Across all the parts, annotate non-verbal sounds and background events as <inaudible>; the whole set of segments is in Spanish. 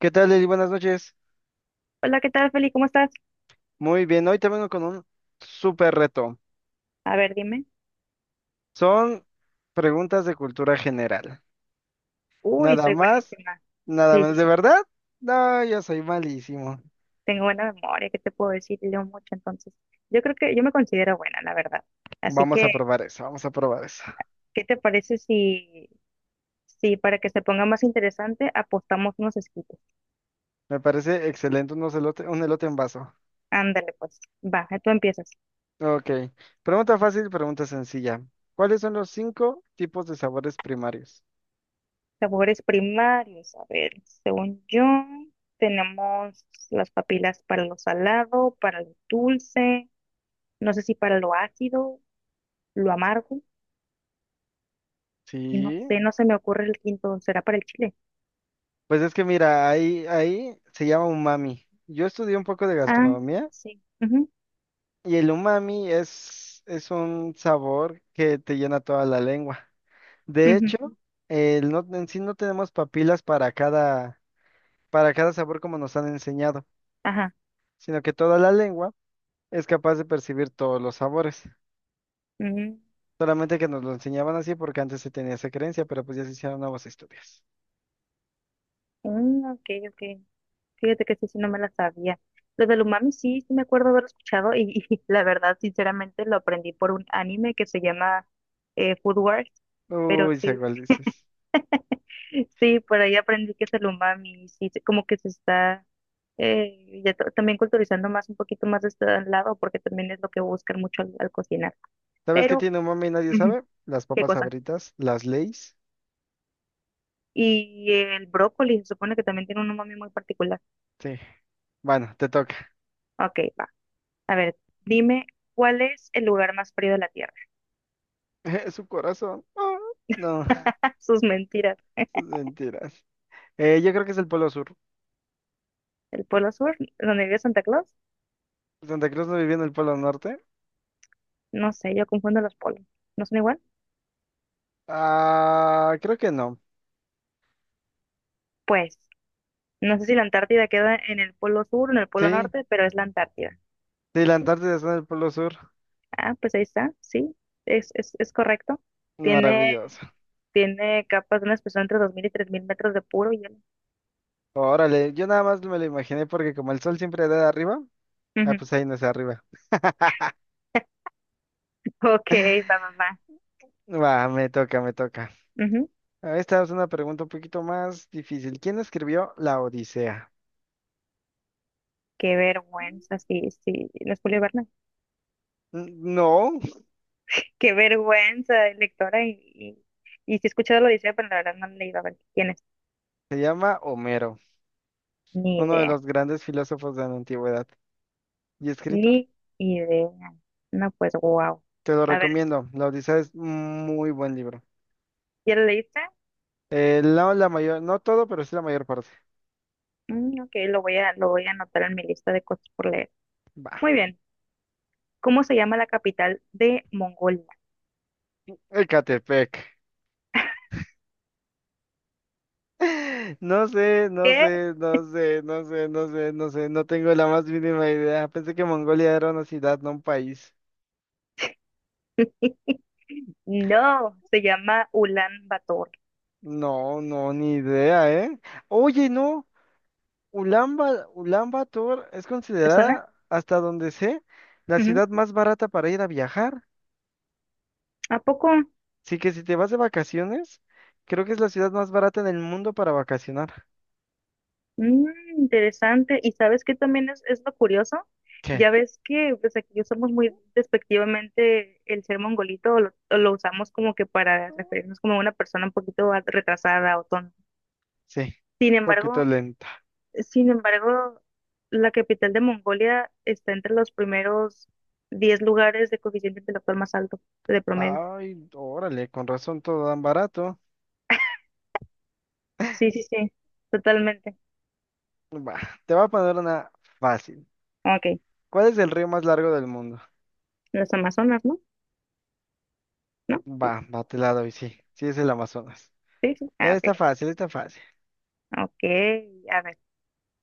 ¿Qué tal, Lili? Buenas noches. Hola, ¿qué tal, Feli? ¿Cómo estás? Muy bien, hoy te vengo con un súper reto. A ver, dime. Son preguntas de cultura general. Uy, Nada soy más, buenísima. nada Sí, sí, menos. ¿De sí. verdad? No, yo soy malísimo. Tengo buena memoria, ¿qué te puedo decir? Leo mucho, entonces. Yo creo que yo me considero buena, la verdad. Así Vamos a que, probar eso, vamos a probar eso. ¿qué te parece si para que se ponga más interesante apostamos unos escritos? Me parece excelente unos un elote en vaso. Ándale, pues. Va, tú empiezas. Ok, pregunta fácil, pregunta sencilla. ¿Cuáles son los cinco tipos de sabores primarios? Sabores primarios. A ver, según yo, tenemos las papilas para lo salado, para lo dulce, no sé si para lo ácido, lo amargo. Y no Sí, sé, no se me ocurre el quinto. ¿Será para el chile? pues es que mira, ahí se llama umami. Yo estudié un poco de Ah, gastronomía. sí. Ujú, Y el umami es un sabor que te llena toda la lengua. De ujú. hecho, el no, en sí no tenemos papilas para cada sabor como nos han enseñado, Ajá. sino que toda la lengua es capaz de percibir todos los sabores. Ujú. Solamente que nos lo enseñaban así porque antes se tenía esa creencia, pero pues ya se hicieron nuevos estudios. Mm, ok, ok. Fíjate que sí, sí, no me la sabía. Lo del umami sí, sí me acuerdo haber escuchado y, <laughs> y la verdad, sinceramente, lo aprendí por un anime que se llama Food Wars. Pero Uy, sé sí, cuál dices. <laughs> sí, por ahí aprendí que es el umami. Y sí, como que se está ya también culturizando más, un poquito más de este lado, porque también es lo que buscan mucho al cocinar. ¿Sabes qué Pero, tiene umami y nadie ujú, sabe? Las ¿qué papas cosa? sabritas, las Lay's. Y el brócoli se supone que también tiene un umami muy particular. Sí. Bueno, te toca. Ok, va. A ver, dime, ¿cuál es el lugar más frío de la Tierra? <laughs> Su corazón. Ah, no, <laughs> Sus mentiras. <laughs> sus mentiras. Yo creo que es el Polo Sur. ¿El Polo Sur? ¿Donde vive Santa Claus? Santa Cruz no vivía en el Polo Norte. No sé, yo confundo los polos. ¿No son igual? Ah, creo que no. Pues, no sé si la Antártida queda en el Polo Sur o en el Polo Sí, Norte, pero es la Antártida. sí, la Antártida está en el Polo Sur. Ah, pues ahí está, sí, es correcto. Maravilloso. Tiene, tiene capas de una espesor entre 2000 y 3000 metros de puro hielo. Órale, yo nada más me lo imaginé porque como el sol siempre da de arriba, ah, Ujú. pues ahí no es arriba. Ok, va, va, <laughs> va. Va, me toca, me toca. Ujú. Ah, esta es una pregunta un poquito más difícil. ¿Quién escribió La Odisea? Qué vergüenza, sí, sí, no es Julio Verne. No, Qué vergüenza, lectora. Y sí he escuchado lo dice, pero la verdad no le iba a ver quién es. se llama Homero, Ni uno de idea, los grandes filósofos de la antigüedad y escritor. ni idea. No, pues, wow. Te lo A ver, recomiendo. La Odisea es muy buen libro. ¿ya lo leíste? No la mayor, no todo, pero sí la mayor parte. Mm, ok, lo voy a anotar en mi lista de cosas por leer. Va, Muy bien. ¿Cómo se llama la capital de Mongolia? Ecatepec. <laughs> No sé, no ¿Qué? sé, no sé, no sé, no sé, no sé, no tengo la más mínima idea. Pensé que Mongolia era una ciudad, no un país. <laughs> No, se llama Ulan Bator. No, no, ni idea, ¿eh? Oye, no, Ulan Bator es ¿Te suena? considerada, hasta donde sé, la Ujú. ciudad más barata para ir a viajar. ¿A poco? Así que si te vas de vacaciones, creo que es la ciudad más barata en el mundo para vacacionar. Mm, interesante. ¿Y sabes qué también es lo curioso? Ya ¿Qué? ves que pues aquí usamos muy despectivamente el ser mongolito, o o lo usamos como que para referirnos como a una persona un poquito retrasada o tonta. Sí, Sin poquito embargo, lenta. sin embargo, la capital de Mongolia está entre los primeros 10 lugares de coeficiente intelectual más alto de promedio. Ay, órale, con razón todo tan barato. Sí, sí, sí, totalmente. Va, te voy a poner una fácil. Ok, ¿Cuál es el río más largo del mundo? las Amazonas, ¿no? ¿No? Va, ¿No? va, te la doy, sí. Sí, es el Amazonas. Sí, sí. Ah, Está ok. fácil, está fácil. Ok, a ver.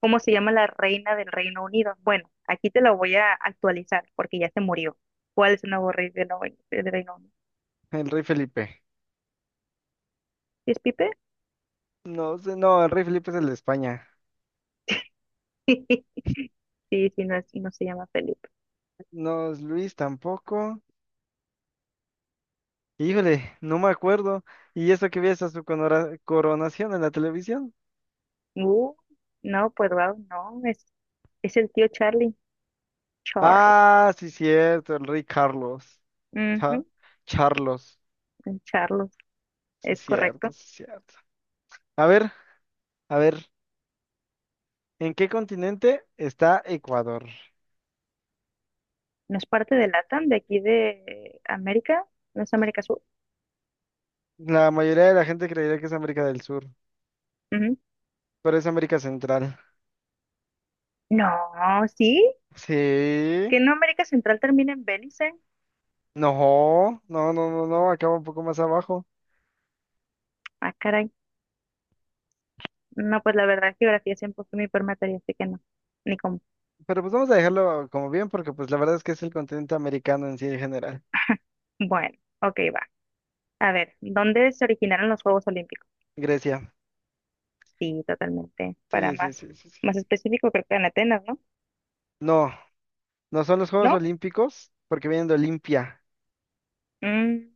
¿Cómo se llama la reina del Reino Unido? Bueno, aquí te la voy a actualizar porque ya se murió. ¿Cuál es el nuevo rey del Reino Unido? El rey Felipe. ¿Sí? ¿Es Pipe? No sé, no, el rey Felipe es el de España. <laughs> Sí, sí, no, no se llama Felipe. No es Luis tampoco. Híjole, no me acuerdo. ¿Y eso que vi esa su coronación en la televisión? Uh, no, pues wow, no, es el tío Charlie. Charles. Ah, sí, cierto, el rey Carlos. Cha- Ujú, Charlos. el Charles, Sí, es correcto. cierto, sí, cierto. A ver, a ver, ¿en qué continente está Ecuador? No es parte de LATAM, de aquí de América, no es América Sur. La mayoría de la gente creería que es América del Sur, Ujú. pero es América Central. No, sí, Sí, que no América Central termina en Belice. no, no, no, no, no, acaba un poco más abajo. Ah, caray. No, pues la verdad, geografía siempre fue mi peor materia, así que no, ni cómo. Pero pues vamos a dejarlo como bien porque pues la verdad es que es el continente americano en sí en general. <laughs> Bueno, ok, va. A ver, ¿dónde se originaron los Juegos Olímpicos? Grecia. Sí, totalmente. Para Sí, sí, más, sí, sí, sí. más específico, creo que en Atenas, ¿no? No, no son los Juegos ¿No? Olímpicos porque vienen de Olimpia, Mm,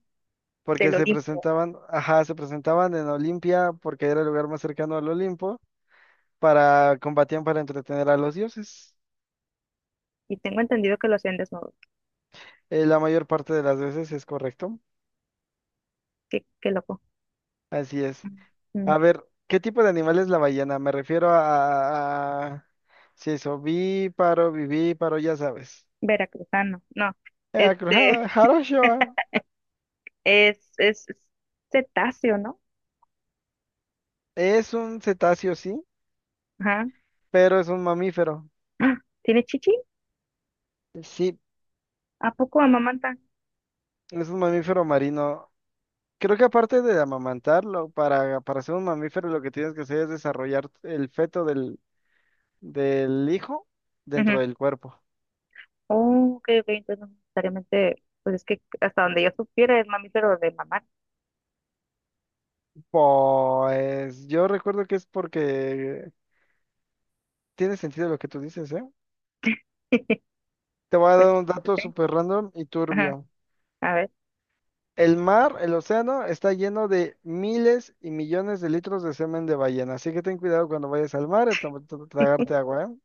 porque del se Olimpo. presentaban, ajá, se presentaban en Olimpia porque era el lugar más cercano al Olimpo para combatían para entretener a los dioses. Y tengo entendido que lo hacían desnudos. La mayor parte de las veces es correcto. Qué, qué loco. Así es. Mm, A ver, ¿qué tipo de animal es la ballena? Me refiero a si es ovíparo, vivíparo, ya sabes. veracruzano. No. Este Acrujado, jarocho, <laughs> es cetáceo, ¿no? es un cetáceo, sí, Ajá. <gasps> pero es un mamífero. ¡Ah! ¿Tiene chichi? Sí, ¿A poco amamanta? es un mamífero marino. Creo que aparte de amamantarlo, para ser un mamífero lo que tienes que hacer es desarrollar el feto del hijo dentro del cuerpo. Oh, ok, ok, entonces no necesariamente, pues es que hasta donde yo supiera es mamífero de mamar. Pues yo recuerdo que es porque tiene sentido lo que tú dices, ¿eh? <laughs> Te voy a dar Pues, pues un dato sí, súper random y ajá, turbio. a ver. El mar, el océano, está lleno de miles y millones de litros de semen de ballena, así que ten cuidado cuando vayas al mar a tragarte agua, ¿eh?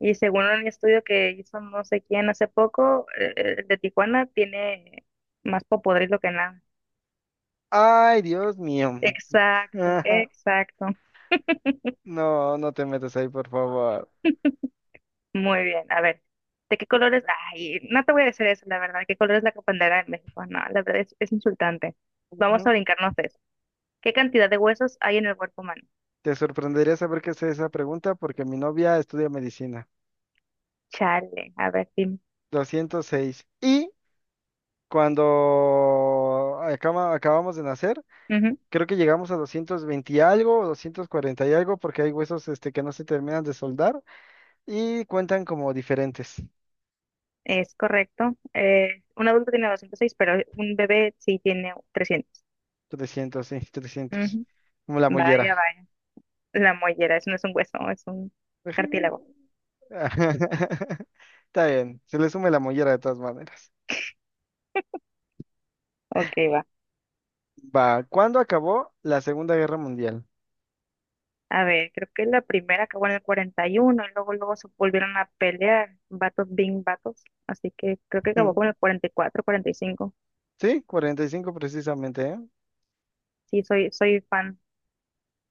Y según un estudio que hizo no sé quién hace poco, el de Tijuana tiene más popodrilo que nada. Ay, Dios mío. Exacto, <laughs> exacto. No, no te metas ahí, por favor. Muy bien, a ver. ¿De qué colores? Ay, no te voy a decir eso, la verdad. ¿Qué color es la bandera de México? No, la verdad es insultante. Vamos a Ujú. brincarnos de eso. ¿Qué cantidad de huesos hay en el cuerpo humano? Te sorprendería saber qué es esa pregunta porque mi novia estudia medicina. Chale, a ver, dime. 206. Y cuando acabamos de nacer, creo que llegamos a 220 y algo, 240 y algo, porque hay huesos este, que no se terminan de soldar y cuentan como diferentes. Es correcto. Un adulto tiene 206, pero un bebé sí tiene 300. 300, sí, 300. Ujú. Como la Vaya, mollera. vaya. La mollera, eso no es un hueso, es un cartílago. Ujú. <laughs> Está bien, se le sume la mollera de todas maneras. Ok, va. Va, ¿cuándo acabó la Segunda Guerra Mundial? A ver, creo que la primera acabó en el 41, y luego se volvieron a pelear. Vatos, bing, vatos. Así que creo que <laughs> acabó Mm. con el cuarenta y cuatro, 45. Sí, 45 precisamente, ¿eh? Sí, soy fan,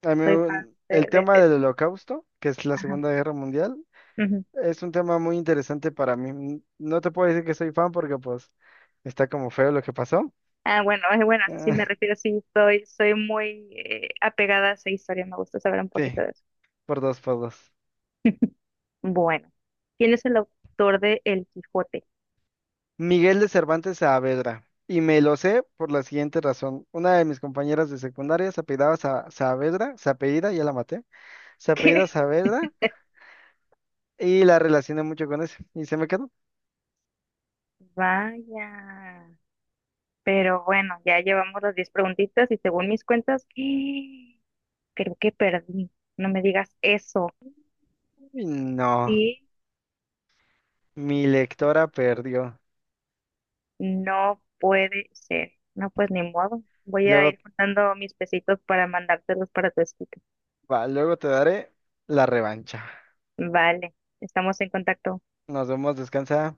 A mí, soy fan de, de, el de tema del eso. Holocausto, que es la Ajá. Segunda Guerra Mundial, Ujú. es un tema muy interesante para mí. No te puedo decir que soy fan porque pues está como feo lo que pasó. Ah, bueno, es bueno, a eso sí me <laughs> refiero, sí, soy muy apegada a esa historia, me gusta saber un Ah, poquito sí, de eso. por dos, por dos. <laughs> Bueno, ¿quién es el autor de El Quijote? <laughs> Miguel de Cervantes Saavedra. Y me lo sé por la siguiente razón. Una de mis compañeras de secundaria se apellidaba Saavedra, se apellida, ya la maté, se apellida ¿Qué? Saavedra y la relacioné mucho con eso. Y se me quedó. Vaya. Pero bueno, ya llevamos las 10 preguntitas y según mis cuentas, <gasps> creo que perdí. No me digas eso. Y no, Sí, mi lectora perdió. no puede ser. No, pues ni modo. Voy a Luego, ir juntando mis pesitos para mandártelos para tu escrito. va, luego te daré la revancha. Vale, estamos en contacto. Nos vemos, descansa.